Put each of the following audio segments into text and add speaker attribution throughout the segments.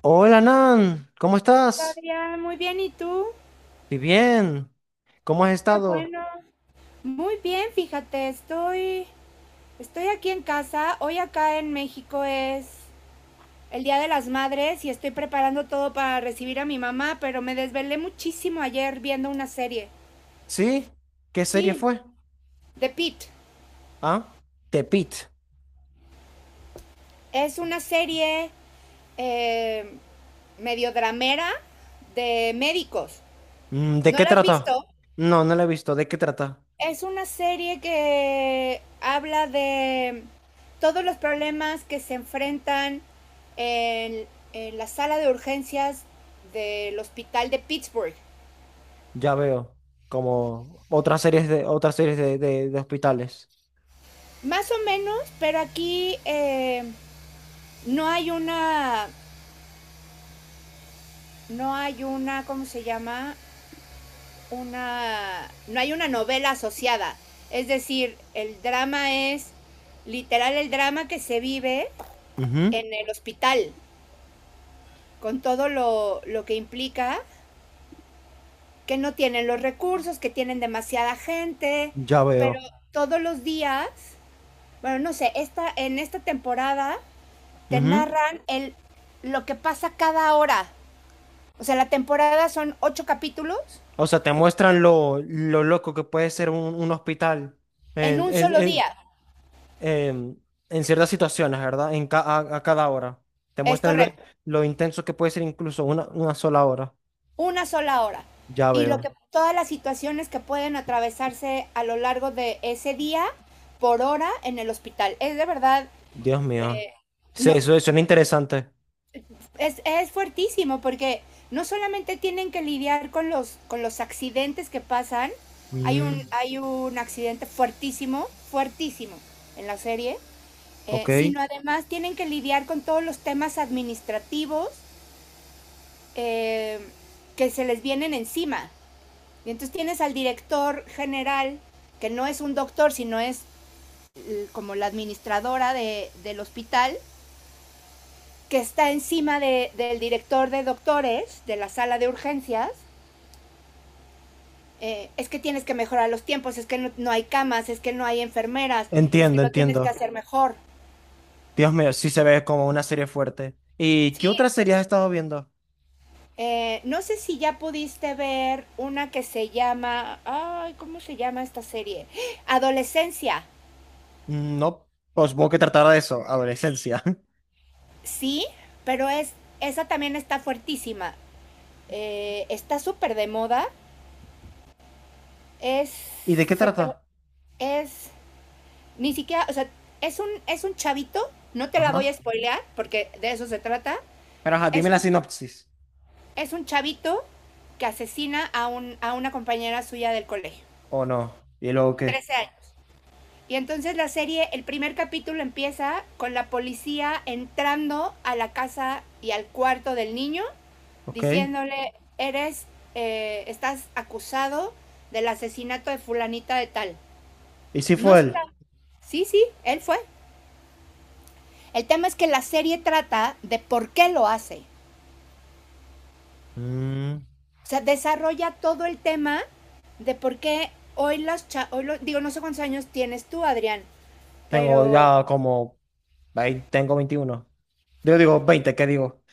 Speaker 1: Hola Nan, ¿cómo estás?
Speaker 2: Adrián, muy bien, ¿y tú?
Speaker 1: Y bien, ¿cómo has
Speaker 2: Qué
Speaker 1: estado?
Speaker 2: bueno. Muy bien, fíjate, estoy aquí en casa. Hoy acá en México es el Día de las Madres y estoy preparando todo para recibir a mi mamá, pero me desvelé muchísimo ayer viendo una serie.
Speaker 1: ¿Sí? ¿Qué serie
Speaker 2: Sí,
Speaker 1: fue?
Speaker 2: The Pitt.
Speaker 1: ¿Ah? Tepit.
Speaker 2: Es una serie eh, medio dramera de médicos.
Speaker 1: Mm, ¿de
Speaker 2: ¿No
Speaker 1: qué
Speaker 2: la has
Speaker 1: trata?
Speaker 2: visto?
Speaker 1: No, no la he visto. ¿De qué trata?
Speaker 2: Es una serie que habla de todos los problemas que se enfrentan en, en la sala de urgencias del hospital de Pittsburgh.
Speaker 1: Ya veo. Como otras series de otras series de hospitales.
Speaker 2: Más o menos, pero aquí no hay una, no hay una, ¿cómo se llama? Una, no hay una novela asociada. Es decir, el drama es literal el drama que se vive
Speaker 1: Ujú.
Speaker 2: en el hospital, con todo lo que implica que no tienen los recursos, que tienen demasiada gente,
Speaker 1: Ya
Speaker 2: pero
Speaker 1: veo.
Speaker 2: todos los días, bueno, no sé, en esta temporada te
Speaker 1: Ujú.
Speaker 2: narran lo que pasa cada hora. O sea, la temporada son ocho capítulos
Speaker 1: O sea, te muestran lo loco que puede ser un hospital
Speaker 2: en un solo día.
Speaker 1: em, en ciertas situaciones, ¿verdad? A cada hora. Te
Speaker 2: Es
Speaker 1: muestran lo,
Speaker 2: correcto,
Speaker 1: lo intenso que puede ser incluso una sola hora.
Speaker 2: una sola hora.
Speaker 1: Ya
Speaker 2: Y lo
Speaker 1: veo.
Speaker 2: que, todas las situaciones que pueden atravesarse a lo largo de ese día por hora en el hospital. Es de verdad,
Speaker 1: Dios mío.
Speaker 2: eh,
Speaker 1: Sí,
Speaker 2: no,
Speaker 1: eso suena interesante.
Speaker 2: es fuertísimo porque no solamente tienen que lidiar con con los accidentes que pasan,
Speaker 1: Mm.
Speaker 2: hay un accidente fuertísimo, fuertísimo en la serie,
Speaker 1: Ok.
Speaker 2: sino además tienen que lidiar con todos los temas administrativos eh, que se les vienen encima. Y entonces tienes al director general, que no es un doctor, sino es como la administradora del hospital, que está encima del director de doctores de la sala de urgencias, es que tienes que mejorar los tiempos, es que no hay camas, es que no hay enfermeras, es que
Speaker 1: Entiendo,
Speaker 2: lo tienes que
Speaker 1: entiendo.
Speaker 2: hacer mejor.
Speaker 1: Dios mío, sí se ve como una serie fuerte. ¿Y qué
Speaker 2: Sí,
Speaker 1: otras series has estado viendo?
Speaker 2: no sé si ya pudiste ver una que se llama, ay, ¿cómo se llama esta serie? Adolescencia,
Speaker 1: Mm, no, pues supongo que tratará de eso, adolescencia.
Speaker 2: sí, pero es, esa también está fuertísima, está súper de moda, es,
Speaker 1: ¿Y de qué
Speaker 2: se tra-
Speaker 1: trata?
Speaker 2: es, ni siquiera, o sea, es un chavito, no te la voy a
Speaker 1: Ajá.
Speaker 2: spoilear porque de eso se trata,
Speaker 1: Pero ajá,
Speaker 2: es
Speaker 1: dime la
Speaker 2: un
Speaker 1: sinopsis.
Speaker 2: Es un chavito que asesina a una compañera suya del colegio.
Speaker 1: ¿O no? ¿Y luego qué?
Speaker 2: Trece años. Y entonces la serie, el primer capítulo empieza con la policía entrando a la casa y al cuarto del niño,
Speaker 1: ¿Ok?
Speaker 2: diciéndole, estás acusado del asesinato de fulanita de tal.
Speaker 1: ¿Y si
Speaker 2: No
Speaker 1: fue él?
Speaker 2: está. Sí, sí, él fue. El tema es que la serie trata de por qué lo hace.
Speaker 1: Mm.
Speaker 2: O sea, desarrolla todo el tema de por qué hoy las cha digo, no sé cuántos años tienes tú, Adrián,
Speaker 1: Tengo
Speaker 2: pero
Speaker 1: ya como, tengo 21. Yo digo 20, ¿qué digo?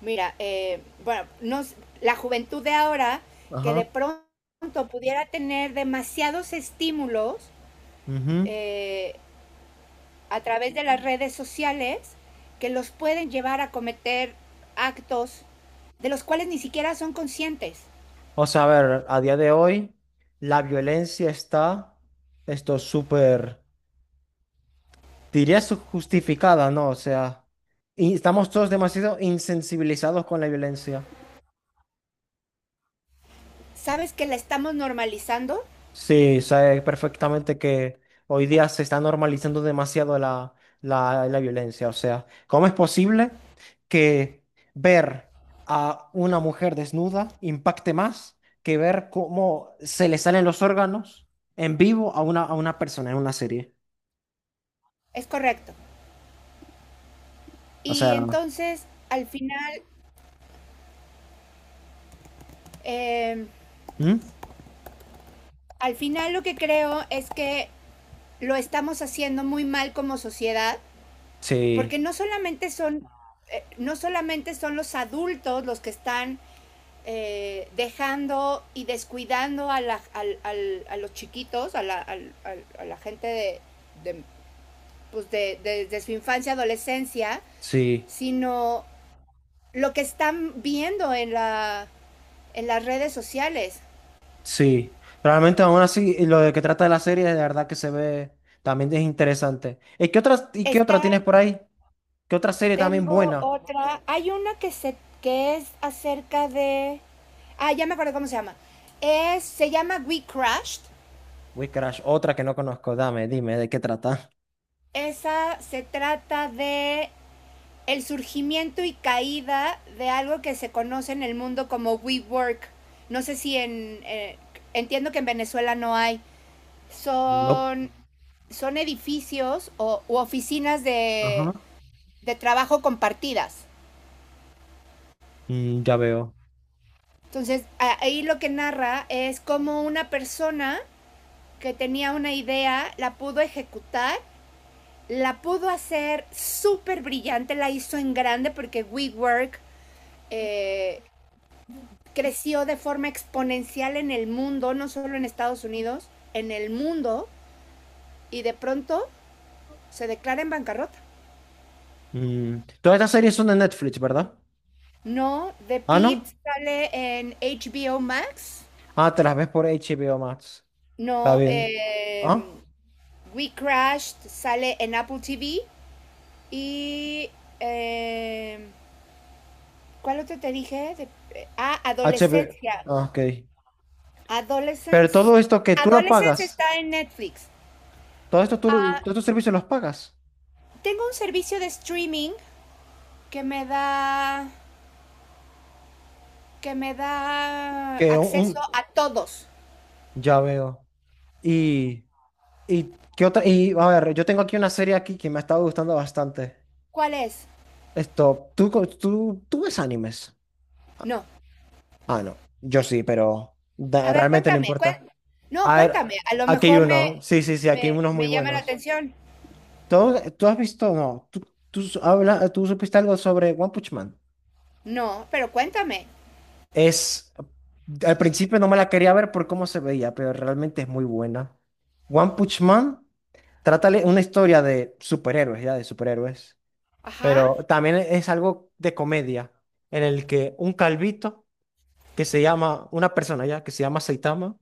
Speaker 2: mira, bueno, no, la juventud de ahora, que
Speaker 1: Ajá.
Speaker 2: de pronto pudiera tener demasiados estímulos
Speaker 1: Ujú.
Speaker 2: eh, a través de las redes sociales que los pueden llevar a cometer actos de los cuales ni siquiera son conscientes.
Speaker 1: O sea, a ver, a día de hoy la violencia está, esto súper, justificada, ¿no? O sea, y estamos todos demasiado insensibilizados con la violencia.
Speaker 2: ¿Sabes que la estamos normalizando?
Speaker 1: Sí, sé perfectamente que hoy día se está normalizando demasiado la violencia. O sea, ¿cómo es posible que ver a una mujer desnuda impacte más que ver cómo se le salen los órganos en vivo a una persona en una serie?
Speaker 2: Es correcto.
Speaker 1: O
Speaker 2: Y
Speaker 1: sea,
Speaker 2: entonces, eh,
Speaker 1: ¿mm?
Speaker 2: al final lo que creo es que lo estamos haciendo muy mal como sociedad,
Speaker 1: Sí,
Speaker 2: porque no solamente son los adultos los que están dejando y descuidando a los chiquitos, a la gente de, pues de su infancia, adolescencia,
Speaker 1: sí,
Speaker 2: sino lo que están viendo en las redes sociales.
Speaker 1: sí. Realmente aún así, lo de que trata de la serie, de verdad que se ve, también es interesante. ¿Y qué otras, y qué otra
Speaker 2: Están
Speaker 1: tienes por ahí? ¿Qué otra serie también
Speaker 2: Tengo
Speaker 1: buena?
Speaker 2: otra. Hay una que se que es acerca de. Ah, ya me acuerdo cómo se llama. Se llama We Crashed.
Speaker 1: Witchcraft, otra que no conozco. Dame, dime, ¿de qué trata?
Speaker 2: Esa se trata de el surgimiento y caída de algo que se conoce en el mundo como WeWork. No sé si en. Entiendo que en Venezuela no hay.
Speaker 1: No.
Speaker 2: Son, son edificios o u oficinas
Speaker 1: Ajá.
Speaker 2: de trabajo compartidas.
Speaker 1: Mm, ya veo.
Speaker 2: Entonces, ahí lo que narra es cómo una persona que tenía una idea, la pudo ejecutar, la pudo hacer súper brillante, la hizo en grande porque WeWork eh, creció de forma exponencial en el mundo, no solo en Estados Unidos, en el mundo, y de pronto se declara en bancarrota.
Speaker 1: Mm, ¿todas estas series son de Netflix, ¿verdad?
Speaker 2: No, The
Speaker 1: Ah,
Speaker 2: Pit
Speaker 1: ¿no?
Speaker 2: sale en HBO Max.
Speaker 1: Ah, te las ves por HBO Max. Está
Speaker 2: No,
Speaker 1: bien. ¿Ah?
Speaker 2: We Crashed sale en Apple TV. Y eh, ¿Cuál otro te dije?
Speaker 1: HBO.
Speaker 2: Adolescencia.
Speaker 1: Ah, ok. Pero
Speaker 2: Adolescence.
Speaker 1: todo esto que tú lo
Speaker 2: Adolescence
Speaker 1: pagas,
Speaker 2: está en Netflix.
Speaker 1: todo esto tú, y
Speaker 2: Ah,
Speaker 1: todos estos servicios los pagas.
Speaker 2: tengo un servicio de streaming que me da que me da
Speaker 1: Que un,
Speaker 2: acceso
Speaker 1: un-
Speaker 2: a todos.
Speaker 1: Ya veo. Y, y, ¿qué otra? Y, a ver, yo tengo aquí una serie aquí que me ha estado gustando bastante.
Speaker 2: ¿Cuál es?
Speaker 1: Esto, ¿tú ves animes?
Speaker 2: No.
Speaker 1: Ah, no. Yo sí, pero
Speaker 2: A ver,
Speaker 1: realmente no
Speaker 2: cuéntame. Cuen-
Speaker 1: importa.
Speaker 2: no,
Speaker 1: A
Speaker 2: cuéntame.
Speaker 1: ver,
Speaker 2: A lo
Speaker 1: aquí hay
Speaker 2: mejor
Speaker 1: uno. Sí, sí, sí, aquí hay unos muy
Speaker 2: me llama la
Speaker 1: buenos.
Speaker 2: atención.
Speaker 1: ¿Tú has visto? No. ¿Tú supiste algo sobre One Punch Man?
Speaker 2: No, pero cuéntame.
Speaker 1: Es. Al principio no me la quería ver por cómo se veía, pero realmente es muy buena. One Punch Man trata una historia de superhéroes, ya, de superhéroes.
Speaker 2: Ajá.
Speaker 1: Pero también es algo de comedia, en el que un calvito, que se llama, una persona ya, que se llama Saitama,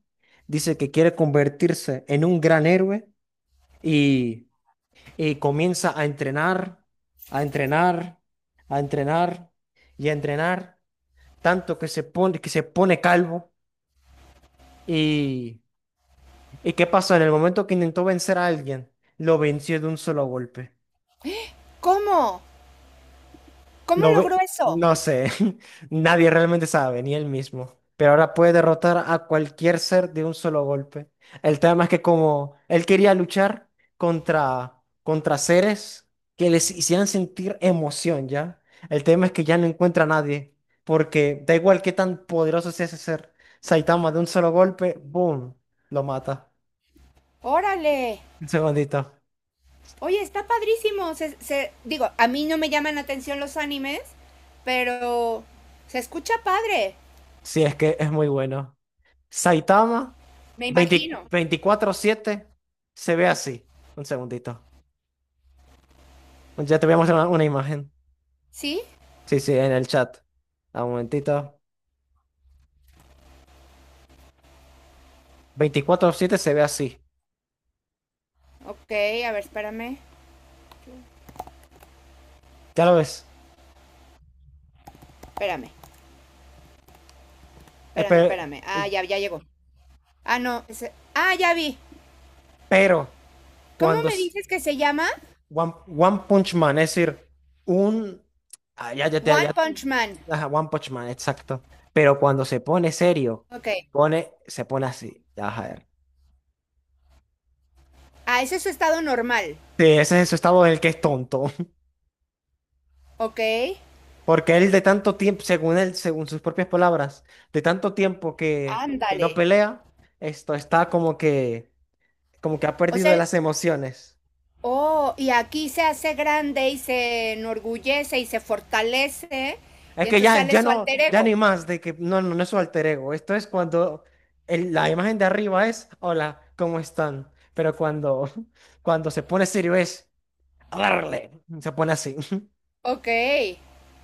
Speaker 1: dice que quiere convertirse en un gran héroe y, y comienza a entrenar, a entrenar, a entrenar y a entrenar, tanto que se pone calvo. ¿Y, y qué pasó? En el momento que intentó vencer a alguien, lo venció de un solo golpe.
Speaker 2: ¿Cómo? ¿Cómo
Speaker 1: Lo ve,
Speaker 2: logró eso?
Speaker 1: no sé, nadie realmente sabe, ni él mismo. Pero ahora puede derrotar a cualquier ser de un solo golpe. El tema es que como él quería luchar contra seres que les hicieran sentir emoción, ¿ya? El tema es que ya no encuentra a nadie, porque da igual qué tan poderoso sea ese ser, Saitama de un solo golpe, ¡boom!, lo mata.
Speaker 2: Órale.
Speaker 1: Un segundito.
Speaker 2: Oye, está padrísimo. Digo, a mí no me llaman la atención los animes, pero se escucha padre,
Speaker 1: Sí, es que es muy bueno. Saitama
Speaker 2: me
Speaker 1: 20
Speaker 2: imagino.
Speaker 1: 24/7 se ve así. Un segundito. Ya te voy a mostrar una imagen.
Speaker 2: ¿Sí?
Speaker 1: Sí, sí, en el chat. Ah, un momentito. 24/7 se ve así.
Speaker 2: Ok, a ver, espérame.
Speaker 1: Ya lo ves.
Speaker 2: Espérame,
Speaker 1: Eh, pe-
Speaker 2: espérame.
Speaker 1: eh,
Speaker 2: Ah, ya, ya llegó. Ah, no. Ya vi.
Speaker 1: Pero,
Speaker 2: ¿Cómo
Speaker 1: cuando
Speaker 2: me
Speaker 1: s-
Speaker 2: dices que se llama?
Speaker 1: One Punch Man, es decir, un... ah, ya, ya, te- ya,
Speaker 2: One Punch Man.
Speaker 1: ajá, One Punch Man, exacto. Pero cuando se pone serio,
Speaker 2: Ok.
Speaker 1: se pone así. Ya, a ver.
Speaker 2: Ah, ese es su estado normal.
Speaker 1: Sí, ese es su estado en el que es tonto.
Speaker 2: Ok.
Speaker 1: Porque él de tanto tiempo, según él, según sus propias palabras, de tanto tiempo que
Speaker 2: Ándale.
Speaker 1: no pelea, esto está como que ha
Speaker 2: O
Speaker 1: perdido
Speaker 2: sea,
Speaker 1: de
Speaker 2: el-
Speaker 1: las emociones.
Speaker 2: oh, y aquí se hace grande y se enorgullece y se fortalece.
Speaker 1: Es
Speaker 2: Y
Speaker 1: que
Speaker 2: entonces
Speaker 1: ya,
Speaker 2: sale
Speaker 1: ya
Speaker 2: su
Speaker 1: no,
Speaker 2: alter
Speaker 1: ya
Speaker 2: ego.
Speaker 1: ni más de que no es su alter ego. Esto es cuando la imagen de arriba es, hola, ¿cómo están? Pero cuando, cuando se pone serio es, a darle, se pone así.
Speaker 2: Ok,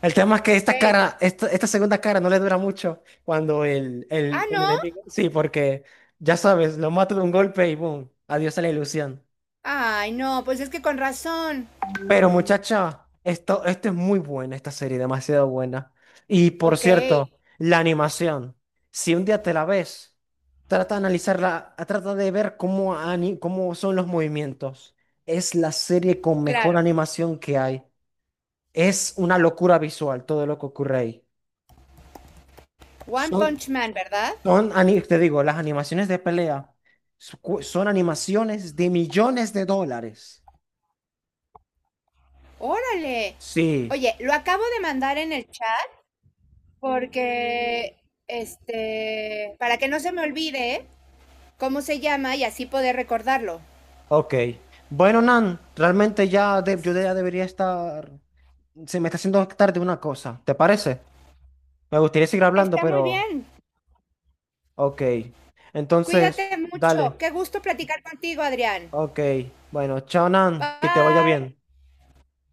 Speaker 1: El tema es que esta
Speaker 2: ok.
Speaker 1: cara, esta segunda cara no le dura mucho cuando el, el,
Speaker 2: Ah,
Speaker 1: el
Speaker 2: ¿no?
Speaker 1: enemigo. Sí, porque ya sabes, lo mato de un golpe y boom, adiós a la ilusión.
Speaker 2: Ay, no, pues es que con razón.
Speaker 1: Pero muchacha, esto es muy buena, esta serie, demasiado buena. Y por
Speaker 2: Ok,
Speaker 1: cierto, la animación, si un día te la ves, trata de analizarla, trata de ver cómo, cómo son los movimientos. Es la serie con mejor
Speaker 2: claro.
Speaker 1: animación que hay. Es una locura visual todo lo que ocurre ahí.
Speaker 2: One
Speaker 1: Son
Speaker 2: Punch Man, ¿verdad?
Speaker 1: Te digo, las animaciones de pelea son animaciones de millones de dólares.
Speaker 2: Órale.
Speaker 1: Sí,
Speaker 2: Oye, lo acabo de mandar en el chat porque, este, para que no se me olvide cómo se llama y así poder recordarlo.
Speaker 1: ok. Bueno, Nan, realmente yo ya debería estar. Se me está haciendo tarde una cosa, ¿te parece? Me gustaría seguir hablando,
Speaker 2: Está muy
Speaker 1: pero.
Speaker 2: bien.
Speaker 1: Ok. Entonces,
Speaker 2: Cuídate mucho.
Speaker 1: dale.
Speaker 2: Qué gusto platicar contigo, Adrián.
Speaker 1: Ok. Bueno, chao, Nan, que te vaya
Speaker 2: Bye.
Speaker 1: bien.